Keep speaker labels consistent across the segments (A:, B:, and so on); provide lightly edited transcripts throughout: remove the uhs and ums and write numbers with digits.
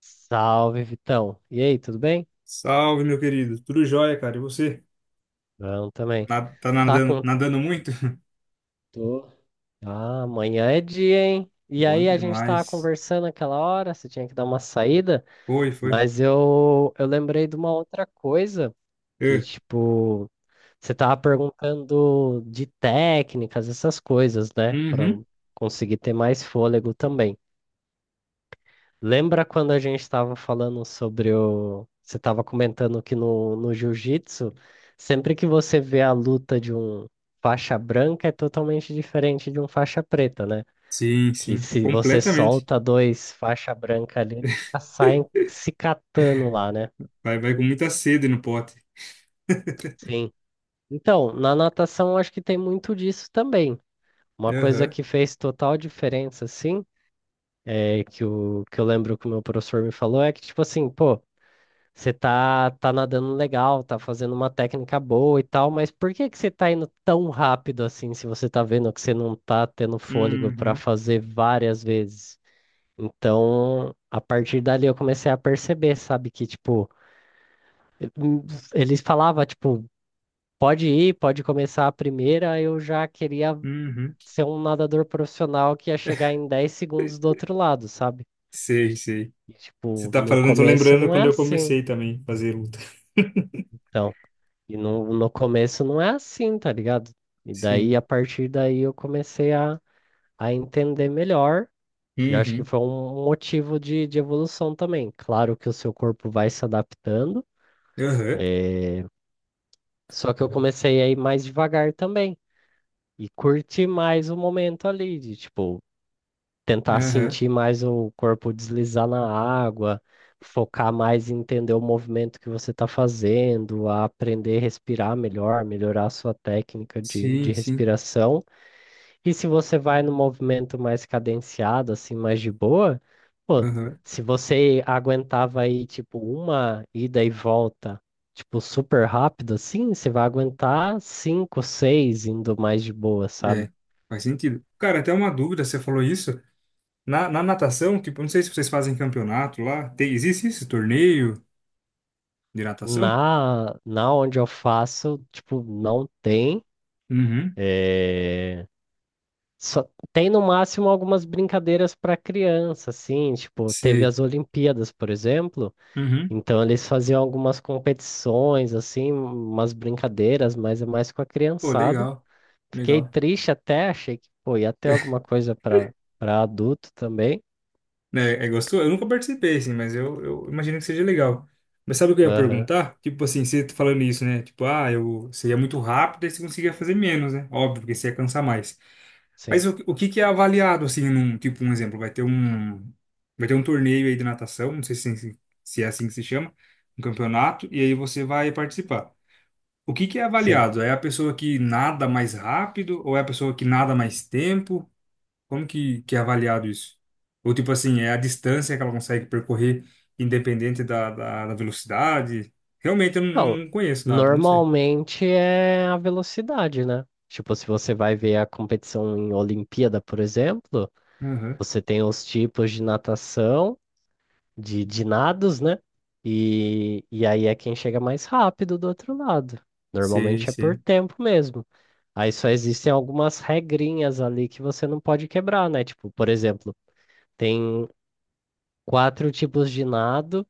A: Salve, Vitão. E aí, tudo bem?
B: Salve, meu querido. Tudo jóia, cara. E você?
A: Bom também.
B: Tá
A: Tá
B: nadando,
A: com.
B: nadando muito?
A: Tô. Ah, amanhã é dia, hein? E
B: Bom
A: aí, a gente tava
B: demais.
A: conversando aquela hora, você tinha que dar uma saída,
B: Foi, foi.
A: mas eu lembrei de uma outra coisa que,
B: É.
A: tipo, você tava perguntando de técnicas, essas coisas, né? Pra
B: Uhum.
A: conseguir ter mais fôlego também. Lembra quando a gente estava falando sobre o. Você estava comentando que no jiu-jitsu, sempre que você vê a luta de um faixa branca é totalmente diferente de um faixa preta, né?
B: Sim,
A: Que
B: sim.
A: se você
B: Completamente.
A: solta dois faixa branca ali, eles já saem se catando lá, né?
B: Vai, vai com muita sede no pote.
A: Sim. Então, na natação acho que tem muito disso também. Uma coisa
B: Aham.
A: que fez total diferença, assim, é que eu lembro que o meu professor me falou é que, tipo assim, pô. Você tá nadando legal, tá fazendo uma técnica boa e tal, mas por que que você tá indo tão rápido assim, se você tá vendo que você não tá tendo fôlego para
B: Uhum.
A: fazer várias vezes? Então, a partir dali eu comecei a perceber, sabe, que tipo, hum, eles falavam, tipo, pode ir, pode começar a primeira, eu já queria
B: Uhum.
A: ser um nadador profissional que ia chegar em 10 segundos do outro lado, sabe?
B: Sei, sei.
A: E,
B: Você
A: tipo,
B: tá
A: no
B: falando, eu tô
A: começo
B: lembrando
A: não é
B: quando eu
A: assim.
B: comecei também a fazer luta.
A: Então. E no começo não é assim, tá ligado? E daí,
B: Sim.
A: a partir daí, eu comecei a entender melhor. E eu acho que
B: Uhum.
A: foi um motivo de evolução também. Claro que o seu corpo vai se adaptando,
B: Aham.
A: só que eu comecei a ir mais devagar também. E curtir mais o momento ali, de tipo, tentar
B: Aham.
A: sentir mais o corpo deslizar na água, focar mais em entender o movimento que você está fazendo, a aprender a respirar melhor, melhorar a sua técnica de,
B: Sim,
A: de
B: sim.
A: respiração. E se você vai no movimento mais cadenciado, assim, mais de boa, pô,
B: Aham.
A: se você aguentava aí, tipo, uma ida e volta, tipo, super rápido, assim, você vai aguentar cinco, seis indo mais de boa,
B: É.
A: sabe?
B: Faz sentido. Cara, até uma dúvida, você falou isso. Na natação, tipo, não sei se vocês fazem campeonato lá. Tem, existe esse torneio de natação?
A: Na onde eu faço, tipo, não tem.
B: Uhum.
A: eh, Só tem no máximo algumas brincadeiras para criança, assim, tipo, teve
B: Sei.
A: as Olimpíadas, por exemplo.
B: Uhum.
A: Então eles faziam algumas competições, assim, umas brincadeiras, mas é mais com a
B: Pô,
A: criançada.
B: legal.
A: Fiquei
B: Legal.
A: triste até, achei que, pô, ia ter alguma coisa para adulto também.
B: É, é gostoso? Eu nunca participei, assim, mas eu imagino que seja legal. Mas sabe o que eu ia
A: Aham,
B: perguntar? Tipo assim, você tá falando isso, né? Tipo, ah, eu, você ia muito rápido e você conseguia fazer menos, né? Óbvio, porque você ia cansar mais.
A: sim,
B: Mas o que que é avaliado, assim, num, tipo, um exemplo, vai ter um torneio aí de natação, não sei se, se é assim que se chama, um campeonato, e aí você vai participar. O que que é
A: sim.
B: avaliado? É a pessoa que nada mais rápido ou é a pessoa que nada mais tempo? Como que é avaliado isso? Ou tipo assim, é a distância que ela consegue percorrer independente da velocidade? Realmente eu não,
A: Então,
B: não conheço nada, não sei.
A: normalmente é a velocidade, né? Tipo, se você vai ver a competição em Olimpíada, por exemplo,
B: Aham.
A: você tem os tipos de nados, né? E aí é quem chega mais rápido do outro lado.
B: Sei,
A: Normalmente é por
B: sei.
A: tempo mesmo. Aí só existem algumas regrinhas ali que você não pode quebrar, né? Tipo, por exemplo, tem quatro tipos de nado,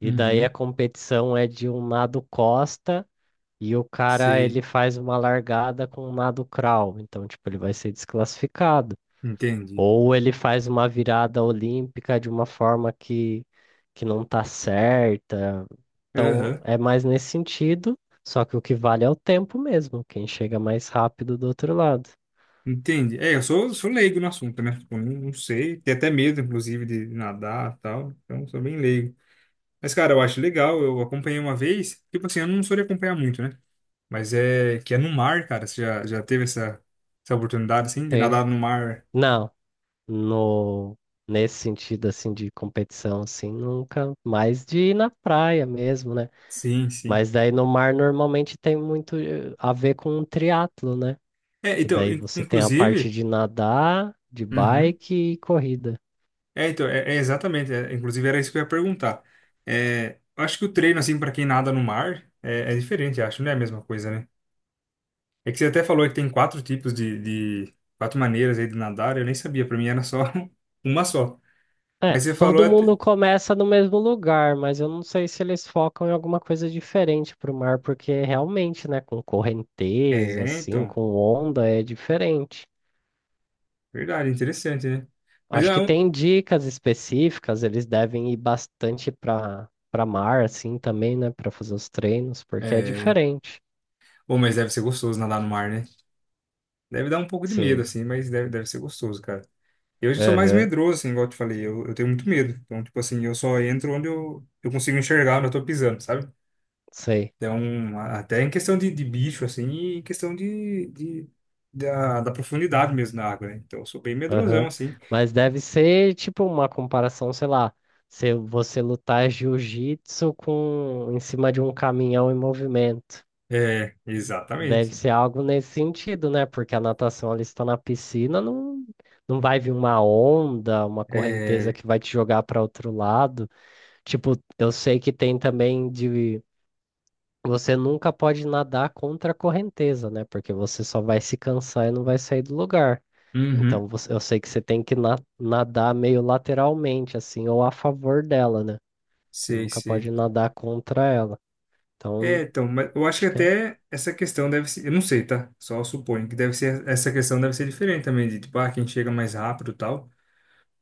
A: e daí a
B: Uhum.
A: competição é de um nado costa, e o cara
B: Sei.
A: ele faz uma largada com um nado crawl. Então, tipo, ele vai ser desclassificado.
B: Entendi.
A: Ou ele faz uma virada olímpica de uma forma que não tá certa. Então,
B: Aham.
A: é mais nesse sentido, só que o que vale é o tempo mesmo, quem chega mais rápido do outro lado.
B: Entendi. É, eu sou, sou leigo no assunto, né? Tipo, não, não sei. Tenho até medo, inclusive, de nadar e tal. Então, sou bem leigo. Mas, cara, eu acho legal. Eu acompanhei uma vez. Tipo assim, eu não sou de acompanhar muito, né? Mas é que é no mar, cara. Você já, já teve essa, essa oportunidade, assim, de
A: Sim.
B: nadar no mar?
A: Não, no nesse sentido assim de competição assim, nunca mais de ir na praia mesmo, né?
B: Sim, sim.
A: Mas daí no mar normalmente tem muito a ver com o triatlo, né?
B: É,
A: Que
B: então,
A: daí você tem a parte
B: inclusive.
A: de nadar, de
B: Uhum.
A: bike e corrida.
B: É, então, é, é exatamente. É, inclusive, era isso que eu ia perguntar. É, eu acho que o treino, assim, para quem nada no mar é, é diferente, eu acho. Não é a mesma coisa, né? É que você até falou que tem quatro tipos de quatro maneiras aí de nadar. Eu nem sabia. Pra mim era só uma só. Mas
A: É,
B: você falou
A: todo
B: até.
A: mundo começa no mesmo lugar, mas eu não sei se eles focam em alguma coisa diferente pro mar, porque realmente, né, com correnteza,
B: É,
A: assim,
B: então.
A: com onda, é diferente.
B: Verdade, interessante, né? Mas
A: Acho
B: é
A: que
B: um.
A: tem dicas específicas, eles devem ir bastante pra mar, assim, também, né, pra fazer os treinos, porque é
B: É...
A: diferente.
B: Bom, mas deve ser gostoso nadar no mar, né? Deve dar um pouco de medo,
A: Sim,
B: assim, mas deve, deve ser gostoso, cara. Eu já sou mais
A: aham,
B: medroso, assim, igual eu te falei, eu tenho muito medo. Então, tipo assim, eu só entro onde eu consigo enxergar onde eu tô pisando, sabe?
A: sei.
B: Então, até em questão de bicho, assim, e em questão de, da, da profundidade mesmo na água, né? Então, eu sou bem medrosão,
A: Aham.
B: assim.
A: Mas deve ser tipo uma comparação, sei lá, se você lutar jiu-jitsu com em cima de um caminhão em movimento.
B: É,
A: Deve
B: exatamente.
A: ser algo nesse sentido, né? Porque a natação ali está na piscina, não, não vai vir uma onda, uma correnteza
B: É,
A: que vai te jogar para outro lado. Tipo, eu sei que tem também de você nunca pode nadar contra a correnteza, né? Porque você só vai se cansar e não vai sair do lugar.
B: uhum,
A: Então eu sei que você tem que nadar meio lateralmente, assim, ou a favor dela, né? Você
B: sei,
A: nunca pode
B: sei.
A: nadar contra ela.
B: É,
A: Então,
B: então, mas eu acho que
A: acho que é.
B: até essa questão deve ser, eu não sei, tá? Só suponho que deve ser, essa questão deve ser diferente também, de tipo, ah, quem chega mais rápido e tal.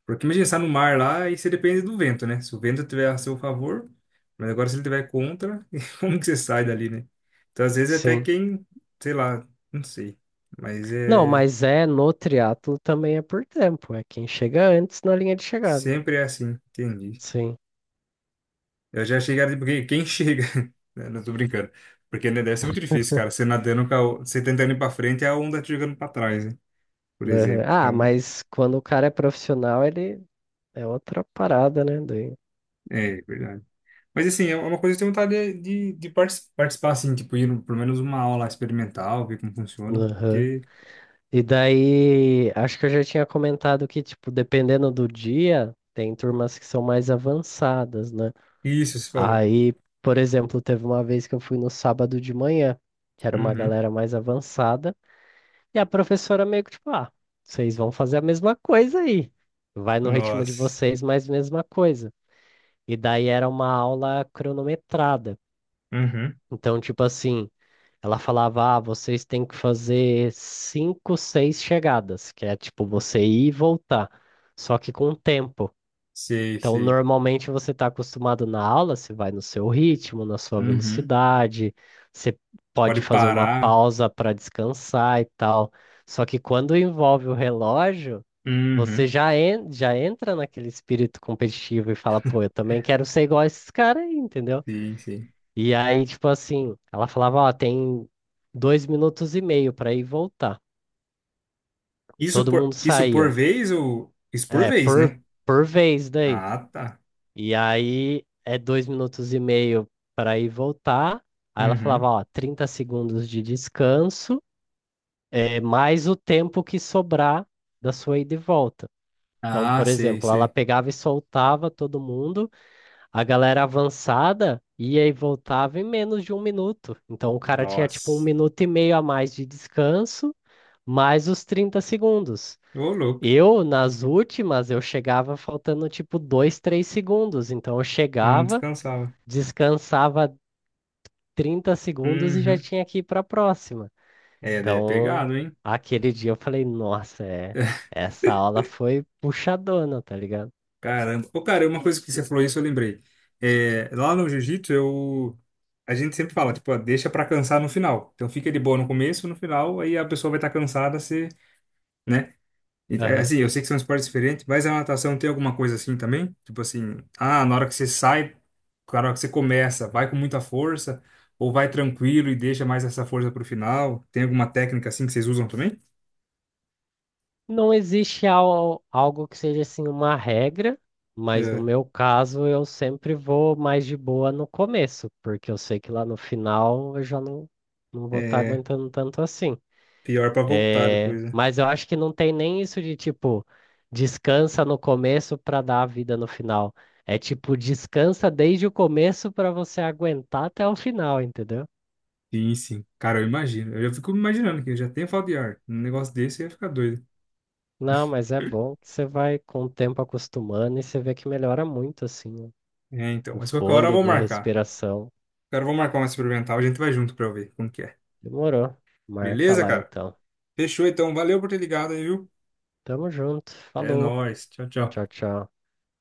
B: Porque imagina, você tá no mar lá e você depende do vento, né? Se o vento tiver a seu favor, mas agora se ele tiver contra, como que você sai dali, né? Então, às vezes até
A: Sim.
B: quem, sei lá, não sei. Mas
A: Não,
B: é,
A: mas é no triatlo também é por tempo. É quem chega antes na linha de chegada.
B: sempre é assim, entendi.
A: Sim.
B: Eu já cheguei, porque quem chega, né? Não tô brincando. Porque né, deve ser muito difícil, cara, você nadando, com a você tentando ir pra frente e a onda te jogando pra trás, né? Por
A: Uhum.
B: exemplo.
A: Ah,
B: Então,
A: mas quando o cara é profissional, ele é outra parada, né?
B: é é verdade. Mas assim, é uma coisa que eu tenho vontade de participar, assim, tipo, ir no- pelo menos uma aula experimental, ver como funciona.
A: Aham.
B: Porque
A: E daí, acho que eu já tinha comentado que, tipo, dependendo do dia, tem turmas que são mais avançadas, né?
B: isso, você falou.
A: Aí, por exemplo, teve uma vez que eu fui no sábado de manhã, que era uma
B: Uhum.
A: galera mais avançada, e a professora meio que tipo, ah, vocês vão fazer a mesma coisa aí. Vai no ritmo de
B: Nossa.
A: vocês, mas mesma coisa. E daí era uma aula cronometrada.
B: Uhum.
A: Então, tipo assim, ela falava, ah, vocês têm que fazer cinco, seis chegadas, que é tipo você ir e voltar, só que com tempo.
B: Sei,
A: Então,
B: sei.
A: normalmente você está acostumado na aula, você vai no seu ritmo, na sua
B: Uhum.
A: velocidade, você
B: Pode
A: pode fazer uma
B: parar.
A: pausa para descansar e tal. Só que quando envolve o relógio, você
B: Uhum.
A: já entra naquele espírito competitivo e fala, pô, eu também quero ser igual a esses caras aí, entendeu?
B: Sim, sim.
A: E aí, tipo assim, ela falava, ó, tem 2 minutos e meio para ir e voltar.
B: Isso
A: Todo
B: por,
A: mundo
B: isso por
A: saía.
B: vez ou isso por
A: É,
B: vez,
A: por,
B: né?
A: por vez daí.
B: Ah, tá.
A: E aí é 2 minutos e meio para ir e voltar. Aí ela
B: Uhum.
A: falava, ó, 30 segundos de descanso, é, mais o tempo que sobrar da sua ida e volta. Então,
B: Ah,
A: por
B: sei,
A: exemplo, ela
B: sei.
A: pegava e soltava todo mundo, a galera avançada ia e voltava em menos de 1 minuto. Então, o cara tinha tipo um
B: Nossa.
A: minuto e meio a mais de descanso, mais os 30 segundos.
B: Ô, louco.
A: Eu, nas últimas, eu chegava faltando tipo 2, 3 segundos. Então, eu
B: Não
A: chegava
B: descansava.
A: descansava 30 segundos e já
B: Uhum.
A: tinha que ir para a próxima.
B: É, é
A: Então,
B: pegado, hein?
A: aquele dia eu falei, nossa, é, essa aula foi puxadona, tá ligado?
B: Caramba. Pô, cara, uma coisa que você falou isso, eu lembrei. É, lá no jiu-jitsu, eu... A gente sempre fala, tipo, ó, deixa pra cansar no final. Então fica de boa no começo, no final, aí a pessoa vai estar cansada, se, né? E, é,
A: Aham.
B: assim, eu sei que são esportes diferentes, mas a natação tem alguma coisa assim também? Tipo assim, ah, na hora que você sai, na hora que você começa, vai com muita força, ou vai tranquilo e deixa mais essa força pro final? Tem alguma técnica assim que vocês usam também?
A: Não existe algo que seja assim uma regra, mas no
B: É,
A: meu caso eu sempre vou mais de boa no começo, porque eu sei que lá no final eu já não vou estar
B: é
A: aguentando tanto assim.
B: pior pra voltar
A: É,
B: depois.
A: mas eu acho que não tem nem isso de tipo, descansa no começo para dar a vida no final. É tipo, descansa desde o começo para você aguentar até o final, entendeu?
B: Sim, sim. Cara, eu imagino. Eu já fico imaginando que eu já tenho falta de ar. Um negócio desse eu ia ficar doido.
A: Não, mas é bom que você vai com o tempo acostumando e você vê que melhora muito assim,
B: É, então.
A: o
B: Mas qualquer hora eu vou
A: fôlego, a
B: marcar.
A: respiração.
B: Cara, eu vou marcar uma experimental. A gente vai junto pra eu ver como que é.
A: Demorou. Marca
B: Beleza,
A: lá
B: cara?
A: então.
B: Fechou, então. Valeu por ter ligado aí, viu?
A: Tamo junto.
B: É
A: Falou.
B: nóis. Tchau, tchau.
A: Tchau, tchau.